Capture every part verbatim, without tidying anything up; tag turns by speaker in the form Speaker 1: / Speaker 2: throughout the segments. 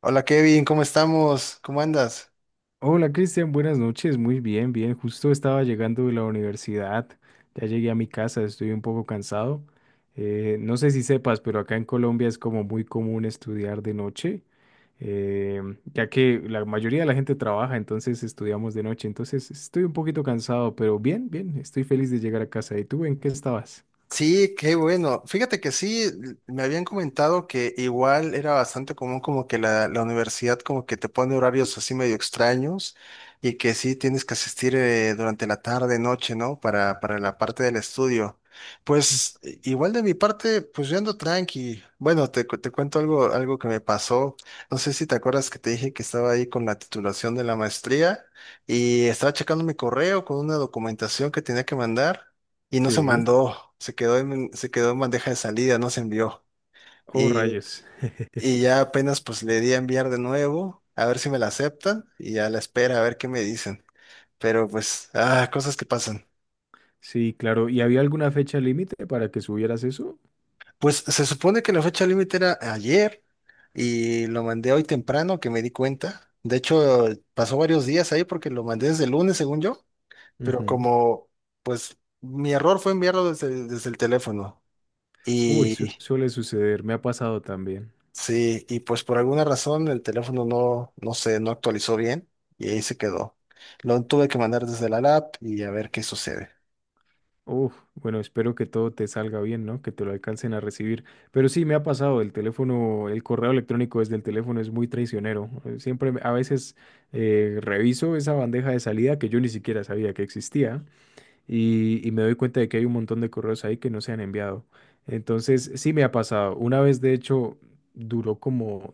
Speaker 1: Hola Kevin, ¿cómo estamos? ¿Cómo andas?
Speaker 2: Hola Cristian, buenas noches, muy bien, bien, justo estaba llegando de la universidad, ya llegué a mi casa, estoy un poco cansado. Eh, no sé si sepas, pero acá en Colombia es como muy común estudiar de noche, eh, ya que la mayoría de la gente trabaja, entonces estudiamos de noche, entonces estoy un poquito cansado, pero bien, bien, estoy feliz de llegar a casa. ¿Y tú en qué estabas?
Speaker 1: Sí, qué bueno. Fíjate que sí, l- me habían comentado que igual era bastante común como que la, la universidad como que te pone horarios así medio extraños y que sí tienes que asistir eh, durante la tarde, noche, ¿no? Para, para la parte del estudio. Pues i- igual de mi parte, pues yo ando tranqui. Bueno, te, cu- te cuento algo, algo que me pasó. No sé si te acuerdas que te dije que estaba ahí con la titulación de la maestría y estaba checando mi correo con una documentación que tenía que mandar y no se
Speaker 2: Sí.
Speaker 1: mandó, se quedó en, se quedó en bandeja de salida, no se envió.
Speaker 2: Oh,
Speaker 1: Y,
Speaker 2: rayos.
Speaker 1: y ya apenas pues le di a enviar de nuevo, a ver si me la aceptan y a la espera, a ver qué me dicen. Pero pues, ah, cosas que pasan.
Speaker 2: Sí, claro, ¿y había alguna fecha límite para que subieras eso?
Speaker 1: Pues se supone que la fecha límite era ayer y lo mandé hoy temprano que me di cuenta. De hecho, pasó varios días ahí porque lo mandé desde el lunes, según yo, pero como pues mi error fue enviarlo desde, desde el teléfono.
Speaker 2: Uy, su-
Speaker 1: y
Speaker 2: suele suceder, me ha pasado también.
Speaker 1: Sí, y pues por alguna razón el teléfono no, no sé, no actualizó bien y ahí se quedó. Lo tuve que mandar desde la lab y a ver qué sucede.
Speaker 2: Uf, bueno, espero que todo te salga bien, ¿no? Que te lo alcancen a recibir. Pero sí, me ha pasado, el teléfono, el correo electrónico desde el teléfono es muy traicionero. Eh, Siempre, me- a veces eh, reviso esa bandeja de salida que yo ni siquiera sabía que existía. y, y me doy cuenta de que hay un montón de correos ahí que no se han enviado. Entonces, sí me ha pasado. Una vez, de hecho, duró como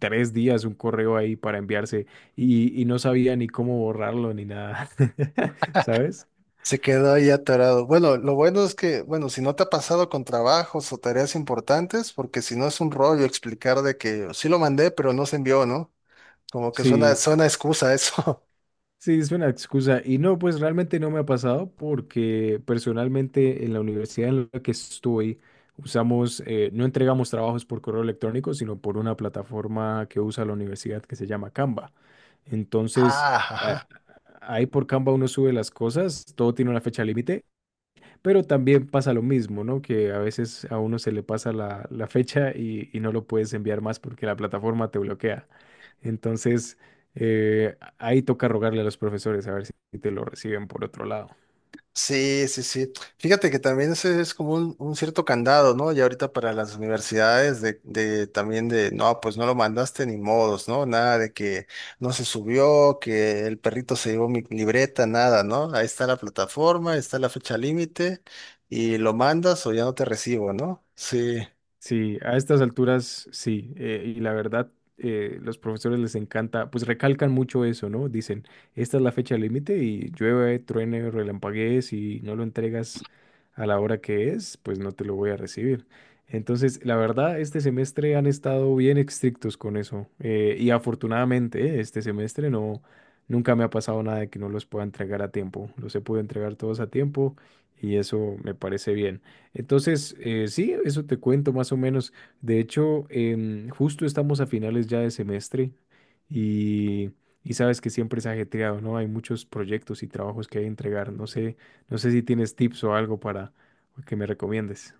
Speaker 2: tres días un correo ahí para enviarse y, y no sabía ni cómo borrarlo ni nada, ¿sabes?
Speaker 1: Se quedó ahí atorado. Bueno, lo bueno es que, bueno, si no te ha pasado con trabajos o tareas importantes, porque si no es un rollo explicar de que sí lo mandé, pero no se envió, ¿no? Como que suena,
Speaker 2: Sí.
Speaker 1: suena excusa eso.
Speaker 2: Sí, es una excusa. Y no, pues realmente no me ha pasado porque personalmente en la universidad en la que estoy usamos, eh, no entregamos trabajos por correo electrónico, sino por una plataforma que usa la universidad que se llama Canva. Entonces,
Speaker 1: Ah,
Speaker 2: eh,
Speaker 1: ajá.
Speaker 2: ahí por Canva uno sube las cosas, todo tiene una fecha límite, pero también pasa lo mismo, ¿no? Que a veces a uno se le pasa la, la fecha y, y no lo puedes enviar más porque la plataforma te bloquea. Entonces, eh, ahí toca rogarle a los profesores a ver si te lo reciben por otro lado.
Speaker 1: Sí, sí, sí. Fíjate que también ese es como un, un cierto candado, ¿no? Y ahorita para las universidades de, de también de, no, pues no lo mandaste ni modos, ¿no? Nada de que no se subió, que el perrito se llevó mi libreta, nada, ¿no? Ahí está la plataforma, está la fecha límite y lo mandas o ya no te recibo, ¿no? Sí.
Speaker 2: Sí, a estas alturas sí, eh, y la verdad, eh, los profesores les encanta, pues recalcan mucho eso, ¿no? Dicen, esta es la fecha límite y llueve, truene, relampaguees y no lo entregas a la hora que es, pues no te lo voy a recibir. Entonces, la verdad, este semestre han estado bien estrictos con eso, eh, y afortunadamente, eh, este semestre no, nunca me ha pasado nada de que no los pueda entregar a tiempo, los he podido entregar todos a tiempo y eso me parece bien. Entonces, eh, sí, eso te cuento más o menos. De hecho, em, justo estamos a finales ya de semestre y, y sabes que siempre es ajetreado, ¿no? Hay muchos proyectos y trabajos que hay que entregar. No sé, no sé si tienes tips o algo para que me recomiendes.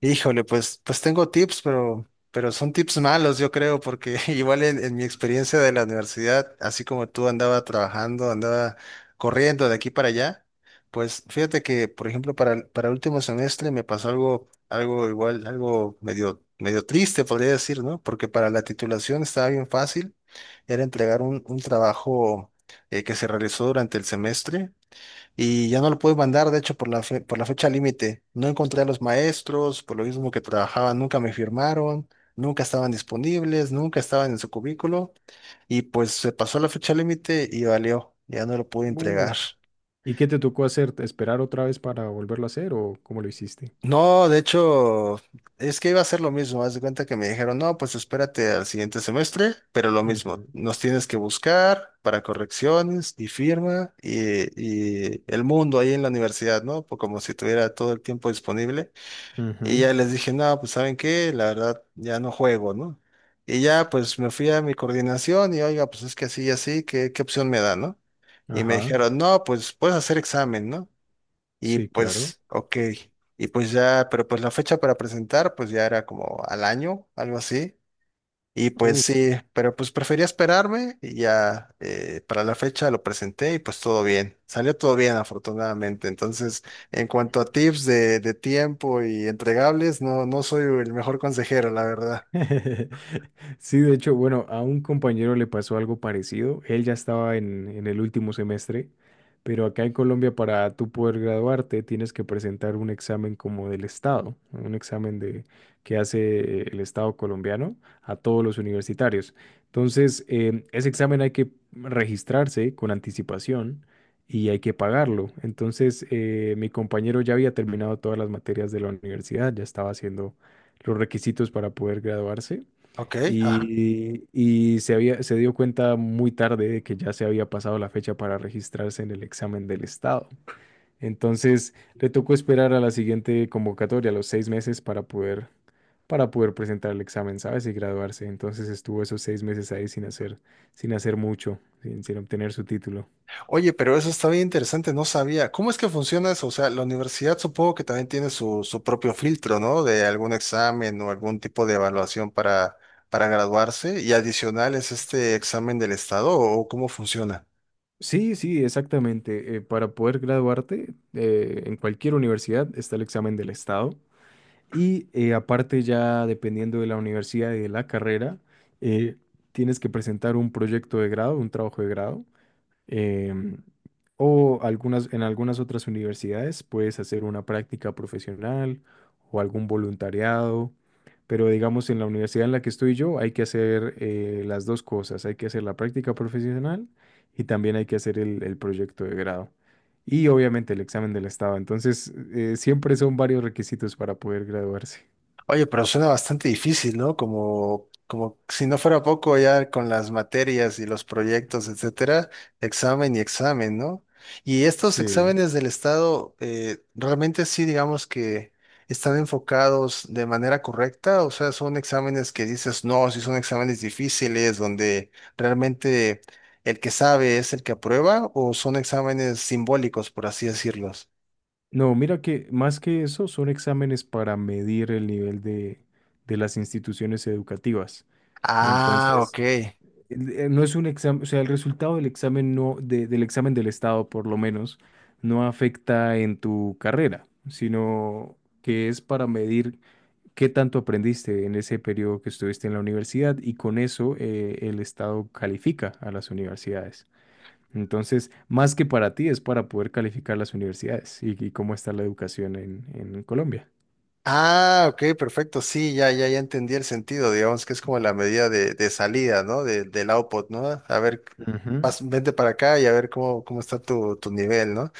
Speaker 1: Híjole, pues, pues tengo tips, pero, pero son tips malos, yo creo, porque igual en, en mi experiencia de la universidad, así como tú andaba trabajando, andaba corriendo de aquí para allá, pues fíjate que, por ejemplo, para, el- para el último semestre me pasó algo, algo igual, algo medio, medio triste, podría decir, ¿no? Porque para la titulación estaba bien fácil, era entregar un, un trabajo eh, que se realizó durante el semestre y ya no lo pude mandar, de hecho, por la fe- por la fecha límite. No encontré a los maestros, por lo mismo que trabajaban, nunca me firmaron, nunca estaban disponibles, nunca estaban en su cubículo, y pues se pasó la fecha límite y valió, ya no lo pude
Speaker 2: Uh,
Speaker 1: entregar.
Speaker 2: ¿Y qué te tocó hacer? ¿Esperar otra vez para volverlo a hacer o cómo lo hiciste?
Speaker 1: No, de hecho, es que iba a ser lo mismo. Haz de cuenta que me dijeron, no, pues espérate al siguiente semestre, pero lo mismo,
Speaker 2: Ujú.
Speaker 1: nos tienes que buscar para correcciones y firma y, y el mundo ahí en la universidad, ¿no? Pues como si tuviera todo el tiempo disponible. Y
Speaker 2: Ujú,
Speaker 1: ya les dije, no, pues ¿saben qué? La verdad, ya no juego, ¿no? Y ya pues me fui a mi coordinación y oiga, pues es que así y así, ¿qué, qué opción me da, no? Y me
Speaker 2: ajá,
Speaker 1: dijeron, no, pues puedes hacer examen, ¿no? Y
Speaker 2: sí, claro.
Speaker 1: pues, ok. Y pues ya, pero pues la fecha para presentar, pues ya era como al año, algo así. Y pues sí, pero pues prefería esperarme y ya eh, para la fecha lo presenté y pues todo bien. Salió todo bien, afortunadamente. Entonces, en cuanto a tips de, de tiempo y entregables, no, no soy el mejor consejero, la verdad.
Speaker 2: Sí, de hecho, bueno, a un compañero le pasó algo parecido. Él ya estaba en, en el último semestre, pero acá en Colombia para tú poder graduarte tienes que presentar un examen como del Estado, un examen de que hace el Estado colombiano a todos los universitarios. Entonces, em, ese examen hay que registrarse con anticipación y hay que pagarlo. Entonces, eh, mi compañero ya había terminado todas las materias de la universidad, ya estaba haciendo los requisitos para poder graduarse
Speaker 1: Ok, ajá.
Speaker 2: y, y se había, se dio cuenta muy tarde de que ya se había pasado la fecha para registrarse en el examen del estado. Entonces le tocó esperar a la siguiente convocatoria, los seis meses, para poder, para poder presentar el examen, ¿sabes? Y graduarse. Entonces estuvo esos seis meses ahí sin hacer, sin hacer mucho, sin, sin obtener su título.
Speaker 1: Oye, pero eso está bien interesante, no sabía. ¿Cómo es que funciona eso? O sea, la universidad supongo que también tiene su, su propio filtro, ¿no? De algún examen o algún tipo de evaluación para, para graduarse y adicional es este examen del estado o cómo funciona.
Speaker 2: Sí, sí, exactamente. Eh, para poder graduarte eh, en cualquier universidad está el examen del estado. Y eh, aparte ya dependiendo de la universidad y de la carrera, eh, tienes que presentar un proyecto de grado, un trabajo de grado, em, o algunas, en algunas otras universidades puedes hacer una práctica profesional o algún voluntariado, pero digamos en la universidad en la que estoy yo hay que hacer eh, las dos cosas, hay que hacer la práctica profesional y también hay que hacer el, el proyecto de grado y obviamente el examen del estado. Entonces, eh, siempre son varios requisitos para poder graduarse.
Speaker 1: Oye, pero suena bastante difícil, ¿no? Como, como si no fuera poco ya con las materias y los proyectos, etcétera, examen y examen, ¿no? Y estos
Speaker 2: Sí.
Speaker 1: exámenes del Estado, eh, realmente sí, digamos que están enfocados de manera correcta, o sea, son exámenes que dices, no, sí son exámenes difíciles, donde realmente el que sabe es el que aprueba, o son exámenes simbólicos, por así decirlos.
Speaker 2: No, mira que más que eso son exámenes para medir el nivel de, de las instituciones educativas.
Speaker 1: Ah, ok.
Speaker 2: Entonces, el- eh, no es un examen, o sea, el resultado del examen no, de- del examen del Estado, por lo menos, no afecta en tu carrera, sino que es para medir qué tanto aprendiste en ese periodo que estuviste en la universidad y con eso eh, el Estado califica a las universidades. Entonces, más que para ti, es para poder calificar las universidades y, y cómo está la educación en, en Colombia.
Speaker 1: Ah, ok, perfecto. Sí, ya, ya, ya entendí el sentido. Digamos que es como la medida de, de salida, ¿no? De- del output, ¿no? A ver,
Speaker 2: Ujú.
Speaker 1: pas- vente para acá y a ver cómo, cómo está tu, tu nivel, ¿no?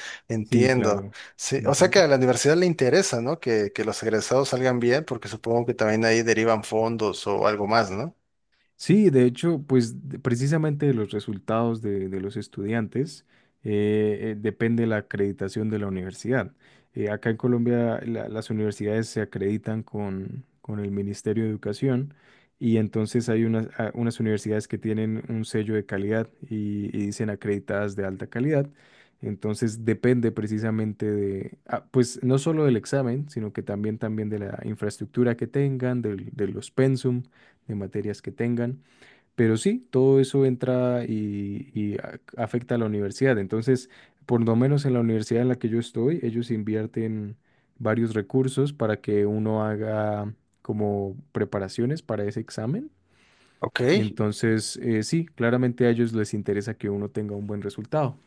Speaker 2: Sí,
Speaker 1: Entiendo.
Speaker 2: claro.
Speaker 1: Sí, o sea
Speaker 2: Ujú.
Speaker 1: que a la universidad le interesa, ¿no? Que, que los egresados salgan bien, porque supongo que también ahí derivan fondos o algo más, ¿no?
Speaker 2: Sí, de hecho, pues de- precisamente de los resultados de, de los estudiantes eh, eh, depende la acreditación de la universidad. Eh, acá en Colombia la- las universidades se acreditan con, con el Ministerio de Educación y entonces hay unas, a- unas universidades que tienen un sello de calidad y, y dicen acreditadas de alta calidad. Entonces depende precisamente de, ah, pues no solo del examen, sino que también, también de la infraestructura que tengan, del- de los pensum de materias que tengan. Pero sí, todo eso entra y, y a- afecta a la universidad. Entonces, por lo menos en la universidad en la que yo estoy, ellos invierten varios recursos para que uno haga como preparaciones para ese examen.
Speaker 1: Ok.
Speaker 2: Entonces, eh, sí, claramente a ellos les interesa que uno tenga un buen resultado.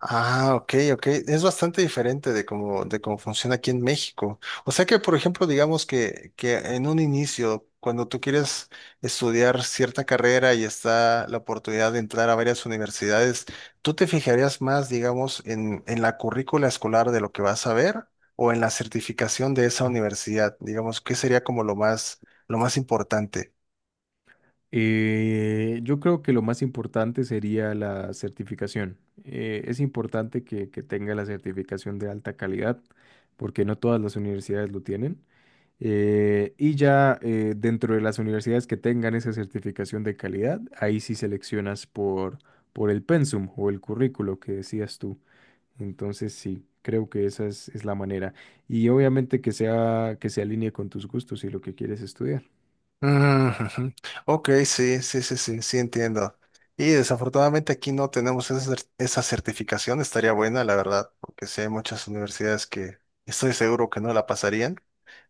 Speaker 1: Ah, ok, ok. Es bastante diferente de cómo, de cómo funciona aquí en México. O sea que, por ejemplo, digamos que, que en un inicio, cuando tú quieres estudiar cierta carrera y está la oportunidad de entrar a varias universidades, ¿tú te fijarías más, digamos, en, en la currícula escolar de lo que vas a ver o en la certificación de esa universidad? Digamos, ¿qué sería como lo más, lo más importante?
Speaker 2: Eh, yo creo que lo más importante sería la certificación. Eh, es importante que que tenga la certificación de alta calidad, porque no todas las universidades lo tienen. Eh, y ya eh, dentro de las universidades que tengan esa certificación de calidad, ahí sí seleccionas por, por el pensum o el currículo que decías tú. Entonces sí, creo que esa es, es la manera. Y obviamente que sea, que se alinee con tus gustos y lo que quieres estudiar.
Speaker 1: Mm, ujú. Ok, sí, sí, sí, sí, sí, entiendo. Y desafortunadamente aquí no tenemos esa, cer- esa certificación, estaría buena, la verdad, porque sí hay muchas universidades que estoy seguro que no la pasarían.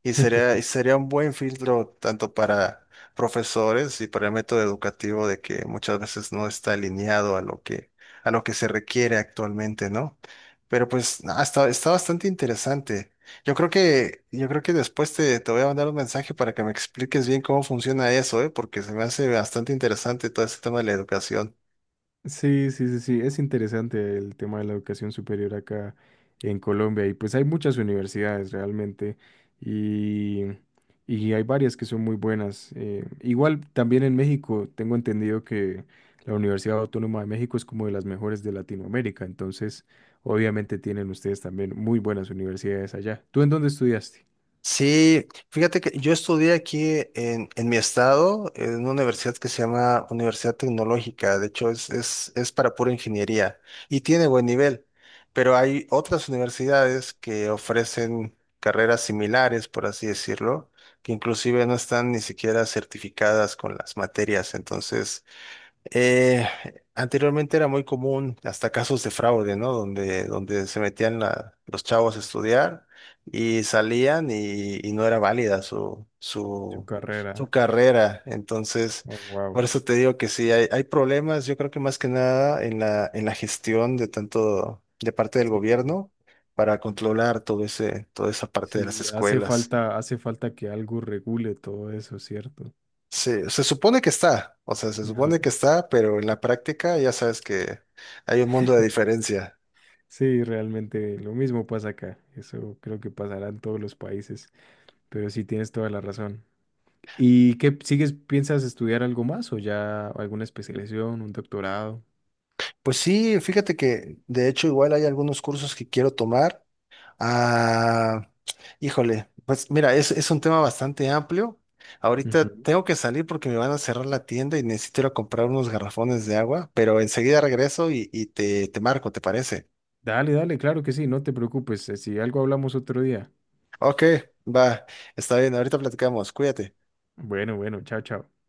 Speaker 1: Y sería, y sería un buen filtro tanto para profesores y para el método educativo de que muchas veces no está alineado a lo que, a lo que se requiere actualmente, ¿no? Pero pues no, está, está bastante interesante. Yo creo que, yo creo que después te, te voy a mandar un mensaje para que me expliques bien cómo funciona eso, ¿eh? Porque se me hace bastante interesante todo ese tema de la educación.
Speaker 2: Sí, sí, sí, sí, es interesante el tema de la educación superior acá en Colombia y pues hay muchas universidades realmente y, y hay varias que son muy buenas. Eh, igual también en México tengo entendido que la Universidad Autónoma de México es como de las mejores de Latinoamérica, entonces obviamente tienen ustedes también muy buenas universidades allá. ¿Tú en dónde estudiaste?
Speaker 1: Sí, fíjate que yo estudié aquí en, en mi estado, en una universidad que se llama Universidad Tecnológica. De hecho, es, es, es para pura ingeniería y tiene buen nivel. Pero hay otras universidades que ofrecen carreras similares, por así decirlo, que inclusive no están ni siquiera certificadas con las materias. Entonces, Eh, anteriormente era muy común hasta casos de fraude, ¿no? Donde, donde se metían la- los chavos a estudiar y salían y, y no era válida su,
Speaker 2: Su
Speaker 1: su, su
Speaker 2: carrera.
Speaker 1: carrera. Entonces,
Speaker 2: Oh, wow.
Speaker 1: por eso te digo que sí, hay, hay problemas, yo creo que más que nada en la, en la gestión de tanto de parte del
Speaker 2: Sí,
Speaker 1: gobierno para controlar todo ese, toda esa parte de las
Speaker 2: sí, hace
Speaker 1: escuelas.
Speaker 2: falta, hace falta que algo regule todo eso, ¿cierto?
Speaker 1: Se, se supone que está, o sea, se
Speaker 2: Ajá.
Speaker 1: supone que está, pero en la práctica ya sabes que hay un mundo de diferencia.
Speaker 2: Sí, realmente lo mismo pasa acá. Eso creo que pasará en todos los países, pero sí tienes toda la razón. ¿Y qué sigues? ¿Piensas estudiar algo más o ya alguna especialización, un doctorado?
Speaker 1: Pues sí, fíjate que de hecho igual hay algunos cursos que quiero tomar. Ah, híjole, pues mira, es, es un tema bastante amplio. Ahorita
Speaker 2: Ujú.
Speaker 1: tengo que salir porque me van a cerrar la tienda y necesito ir a comprar unos garrafones de agua, pero enseguida regreso y, y te, te marco, ¿te parece?
Speaker 2: Dale, dale, claro que sí, no te preocupes. eh, Si algo hablamos otro día.
Speaker 1: Ok, va, está bien, ahorita platicamos, cuídate.
Speaker 2: Bueno, bueno, chao, chao.